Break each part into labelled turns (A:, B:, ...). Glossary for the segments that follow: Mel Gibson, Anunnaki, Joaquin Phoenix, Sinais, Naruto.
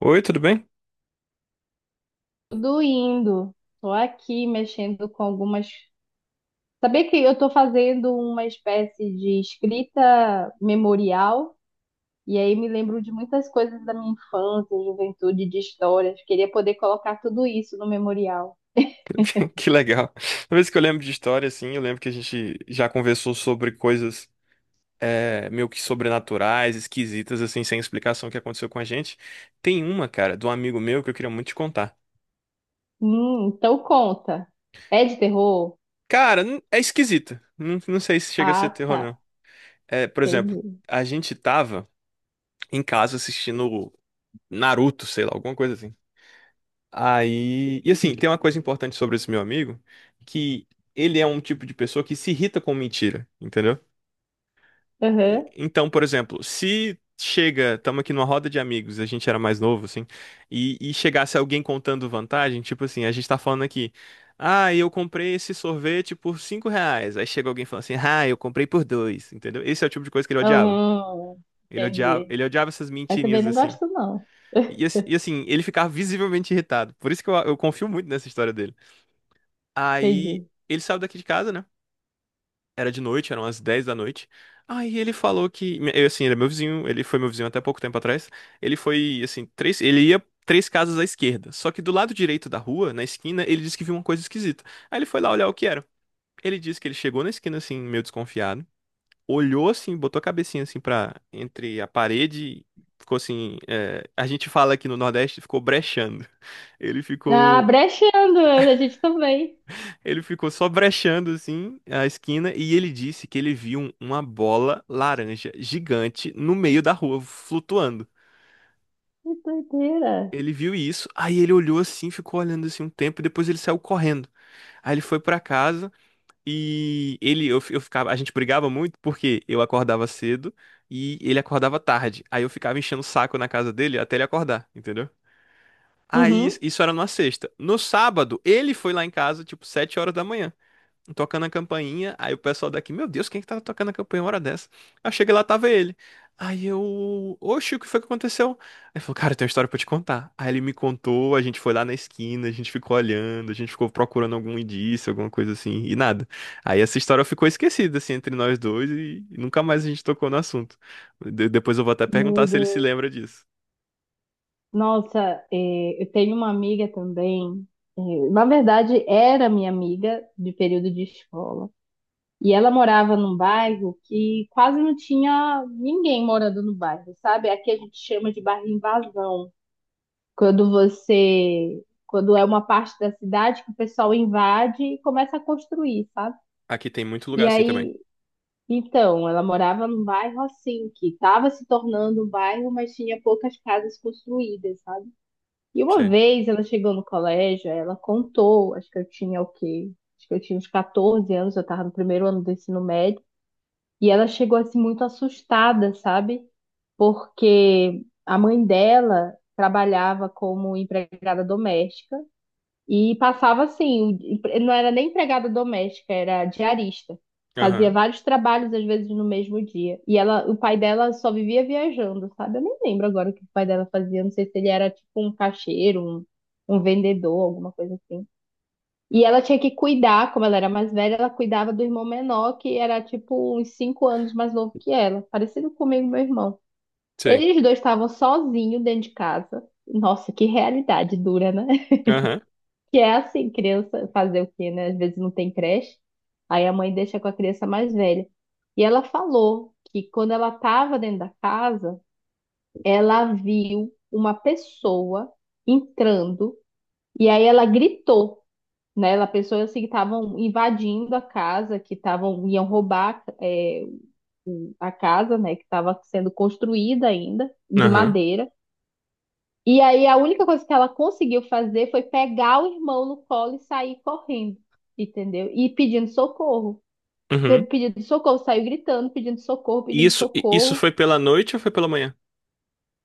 A: Oi, tudo bem?
B: Tudo indo. Tô aqui mexendo com algumas. Saber que eu tô fazendo uma espécie de escrita memorial e aí me lembro de muitas coisas da minha infância, juventude, de histórias. Queria poder colocar tudo isso no memorial.
A: Que legal. Toda vez que eu lembro de história, assim, eu lembro que a gente já conversou sobre coisas meio que sobrenaturais, esquisitas, assim, sem explicação que aconteceu com a gente. Tem uma, cara, de um amigo meu que eu queria muito te contar.
B: Então conta. É de terror?
A: Cara, é esquisita. Não, não sei se chega a ser
B: Ah,
A: terror, não.
B: tá.
A: É, por exemplo,
B: Entendi.
A: a gente tava em casa assistindo Naruto, sei lá, alguma coisa assim. Aí. E assim, tem uma coisa importante sobre esse meu amigo, que ele é um tipo de pessoa que se irrita com mentira, entendeu?
B: Aham.
A: Então, por exemplo, se chega, estamos aqui numa roda de amigos, a gente era mais novo, assim, e chegasse alguém contando vantagem, tipo assim, a gente tá falando aqui, ah, eu comprei esse sorvete por R$ 5. Aí chega alguém falando assim, ah, eu comprei por dois, entendeu? Esse é o tipo de coisa que ele odiava.
B: Hum,
A: Ele odiava,
B: entendi.
A: ele odiava essas
B: Eu também
A: mentirinhas,
B: não
A: assim.
B: gosto, não.
A: E, ass- e, assim, ele ficava visivelmente irritado. Por isso que eu confio muito nessa história dele. Aí
B: Entendi.
A: ele saiu daqui de casa, né? Era de noite, eram as 10 da noite. Aí ele falou que, eu, assim, ele é meu vizinho, ele foi meu vizinho até pouco tempo atrás. Ele foi, assim, ele ia três casas à esquerda. Só que do lado direito da rua, na esquina, ele disse que viu uma coisa esquisita. Aí ele foi lá olhar o que era. Ele disse que ele chegou na esquina, assim, meio desconfiado, olhou, assim, botou a cabecinha, assim, pra, entre a parede, ficou assim, a gente fala aqui no Nordeste, ficou brechando. Ele
B: Ah,
A: ficou
B: brechando, a gente também.
A: Ele ficou só brechando assim a esquina e ele disse que ele viu uma bola laranja gigante no meio da rua flutuando.
B: Que doideira.
A: Ele viu isso, aí ele olhou assim, ficou olhando assim um tempo e depois ele saiu correndo. Aí ele foi pra casa e eu ficava, a gente brigava muito porque eu acordava cedo e ele acordava tarde. Aí eu ficava enchendo o saco na casa dele até ele acordar, entendeu? Aí
B: Uhum.
A: isso era numa sexta. No sábado, ele foi lá em casa tipo 7 horas da manhã, tocando a campainha. Aí o pessoal daqui, meu Deus, quem é que tá tocando a campainha uma hora dessa? Aí eu cheguei lá, tava ele. Aí eu, oxe, o que foi que aconteceu? Ele falou, cara, tem uma história pra te contar. Aí ele me contou, a gente foi lá na esquina, a gente ficou olhando, a gente ficou procurando algum indício, alguma coisa assim, e nada. Aí essa história ficou esquecida, assim, entre nós dois e nunca mais a gente tocou no assunto. Depois eu vou até perguntar
B: Meu
A: se ele se
B: Deus.
A: lembra disso.
B: Nossa, é, eu tenho uma amiga também. É, na verdade, era minha amiga de período de escola. E ela morava num bairro que quase não tinha ninguém morando no bairro, sabe? Aqui a gente chama de bairro invasão. Quando você. Quando é uma parte da cidade que o pessoal invade e começa a construir, sabe?
A: Aqui tem muito lugar
B: E
A: assim também.
B: aí. Então, ela morava num bairro assim, que estava se tornando um bairro, mas tinha poucas casas construídas, sabe? E uma
A: Sei.
B: vez ela chegou no colégio, ela contou, acho que eu tinha o quê? Acho que eu tinha uns 14 anos, eu estava no primeiro ano do ensino médio, e ela chegou assim muito assustada, sabe? Porque a mãe dela trabalhava como empregada doméstica e passava assim, não era nem empregada doméstica, era diarista. Fazia
A: Aham,
B: vários trabalhos, às vezes, no mesmo dia. E ela, o pai dela só vivia viajando, sabe? Eu nem lembro agora o que o pai dela fazia. Não sei se ele era tipo um caixeiro, um vendedor, alguma coisa assim. E ela tinha que cuidar, como ela era mais velha, ela cuidava do irmão menor, que era tipo uns cinco anos mais novo que ela, parecido comigo, e meu irmão.
A: sei.
B: Eles dois estavam sozinhos dentro de casa. Nossa, que realidade dura, né?
A: Aham,
B: Que é assim, criança fazer o quê, né? Às vezes não tem creche, aí a mãe deixa com a criança mais velha. E ela falou que quando ela estava dentro da casa, ela viu uma pessoa entrando e aí ela gritou, né? Ela pensou assim que estavam invadindo a casa, que estavam iam roubar é, a casa, né? Que estava sendo construída ainda de
A: aham,
B: madeira. E aí a única coisa que ela conseguiu fazer foi pegar o irmão no colo e sair correndo, entendeu? E pedindo socorro.
A: uhum.
B: Pedindo socorro, saiu gritando, pedindo socorro, pedindo
A: Isso
B: socorro.
A: foi pela noite ou foi pela manhã?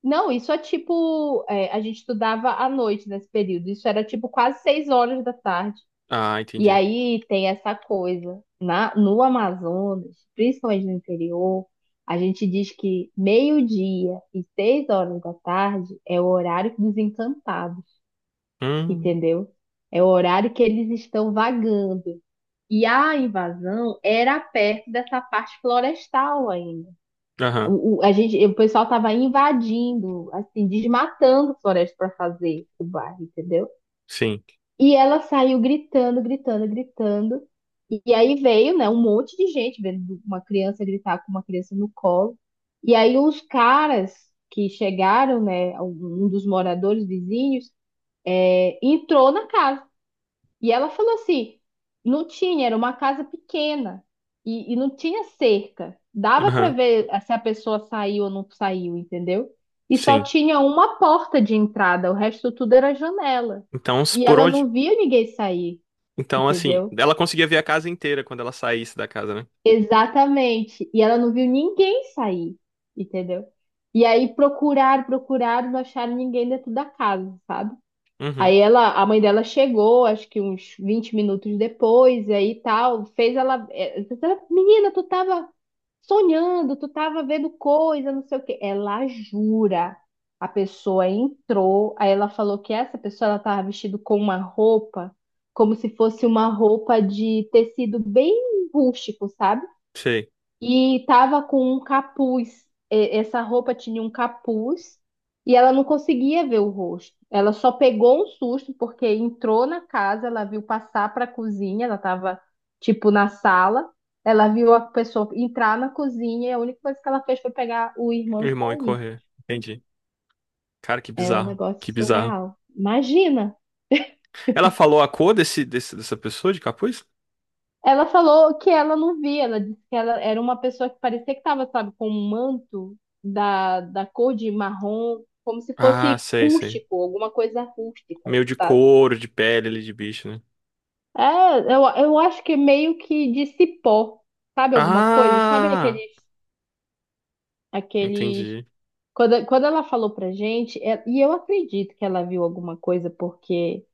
B: Não, isso é tipo, é, a gente estudava à noite nesse período. Isso era tipo quase seis horas da tarde.
A: Ah,
B: E
A: entendi.
B: aí tem essa coisa. Na, no Amazonas, principalmente no interior, a gente diz que meio-dia e seis horas da tarde é o horário desencantado.
A: Hum,
B: Entendeu? É o horário que eles estão vagando. E a invasão era perto dessa parte florestal ainda.
A: aham,
B: A gente, o pessoal estava invadindo, assim, desmatando floresta para fazer o bairro, entendeu?
A: sim.
B: E ela saiu gritando, gritando, gritando. E aí veio, né, um monte de gente vendo uma criança gritar com uma criança no colo. E aí os caras que chegaram, né, um dos moradores vizinhos, é, entrou na casa. E ela falou assim: não tinha, era uma casa pequena e não tinha cerca. Dava para
A: Aham,
B: ver eh, se a pessoa saiu ou não saiu, entendeu? E só
A: sim.
B: tinha uma porta de entrada, o resto tudo era janela.
A: Então,
B: E
A: por
B: ela
A: onde?
B: não viu ninguém sair,
A: Então, assim,
B: entendeu?
A: ela conseguia ver a casa inteira quando ela saísse da casa, né?
B: Exatamente. E ela não viu ninguém sair, entendeu? E aí procuraram, procuraram, não acharam ninguém dentro da casa, sabe?
A: Uhum,
B: Aí ela, a mãe dela chegou, acho que uns 20 minutos depois, e aí tal, fez ela, eh, menina, tu tava sonhando, tu tava vendo coisa, não sei o quê. Ela jura. A pessoa entrou, aí ela falou que essa pessoa ela tava vestida com uma roupa, como se fosse uma roupa de tecido bem rústico, sabe?
A: sei.
B: E tava com um capuz. Essa roupa tinha um capuz e ela não conseguia ver o rosto. Ela só pegou um susto porque entrou na casa, ela viu passar para a cozinha, ela tava tipo na sala. Ela viu a pessoa entrar na cozinha e a única coisa que ela fez foi pegar o
A: O
B: irmão e
A: irmão ia
B: sair.
A: correr. Entendi. Cara, que
B: É um
A: bizarro.
B: negócio
A: Que bizarro.
B: surreal. Imagina!
A: Ela falou a cor dessa pessoa de capuz?
B: Ela falou que ela não via, ela disse que ela era uma pessoa que parecia que estava, sabe, com um manto da, da cor de marrom, como se
A: Ah,
B: fosse
A: sei, sei.
B: rústico, alguma coisa rústica,
A: Meio de
B: sabe?
A: couro, de pele ali de bicho, né?
B: É, eu acho que é meio que de cipó, sabe alguma coisa? Sabe aqueles,
A: Ah,
B: aqueles...
A: entendi.
B: Quando, quando ela falou pra gente, é- e eu acredito que ela viu alguma coisa, porque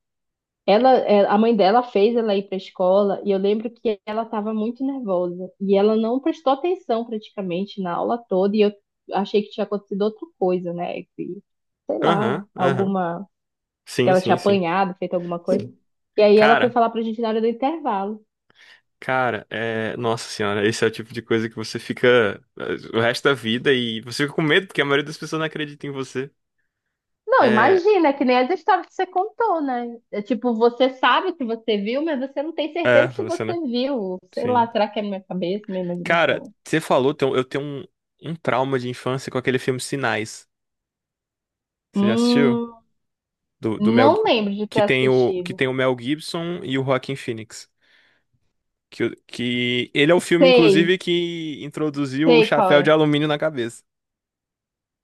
B: ela, é, a mãe dela fez ela ir para a escola e eu lembro que ela estava muito nervosa e ela não prestou atenção praticamente na aula toda e eu achei que tinha acontecido outra coisa, né? Que, sei lá,
A: Aham, aham.
B: alguma que
A: Sim,
B: ela tinha
A: sim, sim.
B: apanhado, feito alguma coisa.
A: Sim.
B: E aí ela foi
A: Cara.
B: falar pra gente na hora do intervalo.
A: Cara, é... nossa senhora, esse é o tipo de coisa que você fica o resto da vida e você fica com medo, porque a maioria das pessoas não acredita em você.
B: Não,
A: É,
B: imagina, é que nem as histórias que você contou, né? É tipo, você sabe o que você viu, mas você não tem
A: é,
B: certeza se
A: você, né?
B: você viu. Sei
A: Sim.
B: lá, será que é minha cabeça, minha
A: Cara,
B: imaginação?
A: você falou, eu tenho um trauma de infância com aquele filme Sinais. Você já assistiu?
B: Hum,
A: Do Mel...
B: não
A: Gib-
B: lembro de ter
A: Que tem o, que
B: assistido.
A: tem o Mel Gibson e o Joaquin Phoenix. Que, que ele é o filme,
B: Sei,
A: inclusive, que introduziu o
B: sei qual
A: chapéu de
B: é.
A: alumínio na cabeça.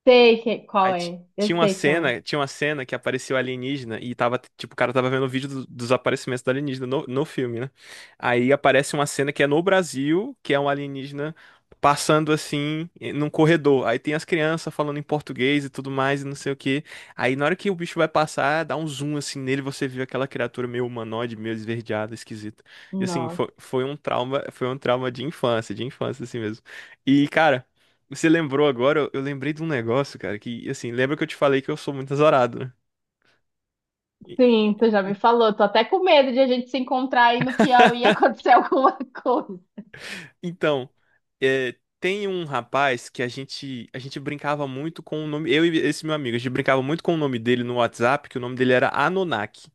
B: Sei que,
A: Aí
B: qual é. Eu sei qual é.
A: tinha uma cena que apareceu alienígena e tava, tipo, o cara tava vendo o vídeo dos aparecimentos do alienígena no filme, né? Aí aparece uma cena que é no Brasil, que é um alienígena passando assim num corredor. Aí tem as crianças falando em português e tudo mais e não sei o quê. Aí na hora que o bicho vai passar, dá um zoom assim nele, você vê aquela criatura meio humanoide, meio esverdeada, esquisita. E assim,
B: Nossa.
A: foi, foi um trauma de infância assim mesmo. E cara, você lembrou agora, eu lembrei de um negócio, cara, que, assim, lembra que eu te falei que eu sou muito azarado, né? E-
B: Sim, tu já me
A: e-
B: falou. Tô até com medo de a gente se encontrar aí no Piauí e acontecer alguma coisa.
A: Então, é, tem um rapaz que a gente brincava muito com o nome, eu e esse meu amigo, a gente brincava muito com o nome dele no WhatsApp, que o nome dele era Anunnaki.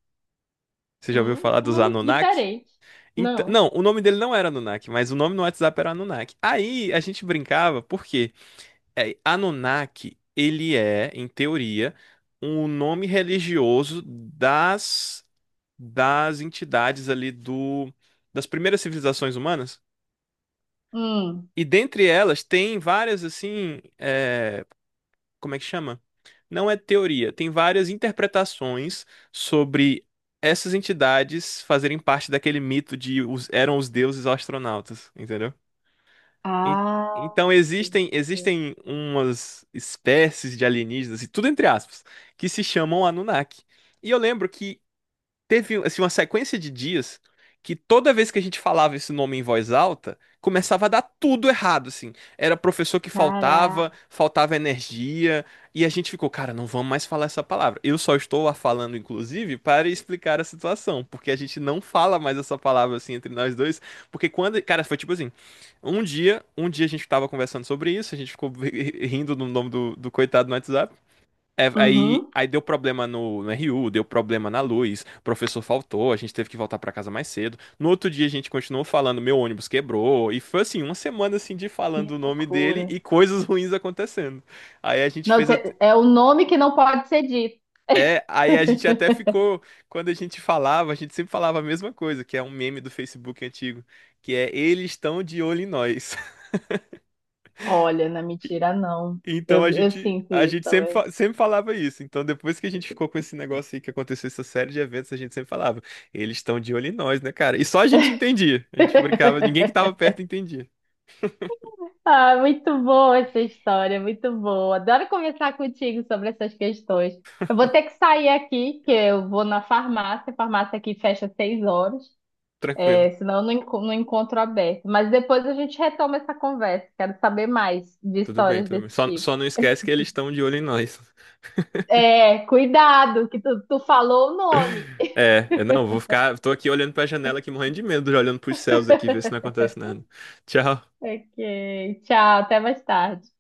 A: Você já ouviu falar
B: Que
A: dos
B: nome
A: Anunnaki?
B: diferente.
A: Então,
B: Não.
A: não, o nome dele não era Anunnaki, mas o nome no WhatsApp era Anunnaki. Aí a gente brincava, por quê? É, Anunnaki, ele é, em teoria, um nome religioso das das entidades ali do das primeiras civilizações humanas.
B: Hum.
A: E dentre elas tem várias assim, como é que chama? Não é teoria, tem várias interpretações sobre essas entidades fazerem parte daquele mito de os, eram os deuses astronautas, entendeu? En-
B: Ah,
A: Então existem
B: entendi.
A: existem umas espécies de alienígenas e tudo entre aspas que se chamam Anunnaki. E eu lembro que teve um, assim uma sequência de dias que toda vez que a gente falava esse nome em voz alta, começava a dar tudo errado, assim. Era professor que faltava,
B: Caraca.
A: faltava energia, e a gente ficou, cara, não vamos mais falar essa palavra. Eu só estou a falando, inclusive, para explicar a situação, porque a gente não fala mais essa palavra assim entre nós dois, porque quando, cara, foi tipo assim, um dia a gente tava conversando sobre isso, a gente ficou rindo no nome do coitado no WhatsApp. É, aí,
B: Uhum.
A: aí deu problema no RU, deu problema na luz, o professor faltou, a gente teve que voltar pra casa mais cedo. No outro dia a gente continuou falando, meu ônibus quebrou, e foi assim, uma semana assim de
B: Que
A: falando o nome dele
B: loucura.
A: e coisas ruins acontecendo. Aí a gente
B: Não,
A: fez até,
B: cê- é o nome que não pode ser dito.
A: aí a gente até ficou, quando a gente falava, a gente sempre falava a mesma coisa, que é um meme do Facebook antigo, que é eles estão de olho em nós.
B: Olha, na mentira, não.
A: Então
B: Eu,
A: a
B: eu
A: gente,
B: sinto
A: a
B: isso
A: gente sempre,
B: também.
A: sempre falava isso. Então depois que a gente ficou com esse negócio aí que aconteceu essa série de eventos, a gente sempre falava, eles estão de olho em nós, né, cara? E só a gente entendia. A gente brincava, ninguém que tava perto entendia.
B: Ah, muito boa essa história, muito boa. Adoro conversar contigo sobre essas questões. Eu vou ter que sair aqui, que eu vou na farmácia. A farmácia aqui fecha às seis horas,
A: Tranquilo.
B: é, senão eu não, não encontro aberto. Mas depois a gente retoma essa conversa. Quero saber mais de
A: Tudo bem,
B: histórias
A: tudo bem.
B: desse
A: Só,
B: tipo.
A: só não esquece que eles estão de olho em nós.
B: É, cuidado, que tu falou o nome.
A: É, eu não, vou ficar, tô aqui olhando pra janela aqui morrendo de medo, já olhando pros céus aqui, ver se não acontece nada. Tchau.
B: Ok, tchau, até mais tarde.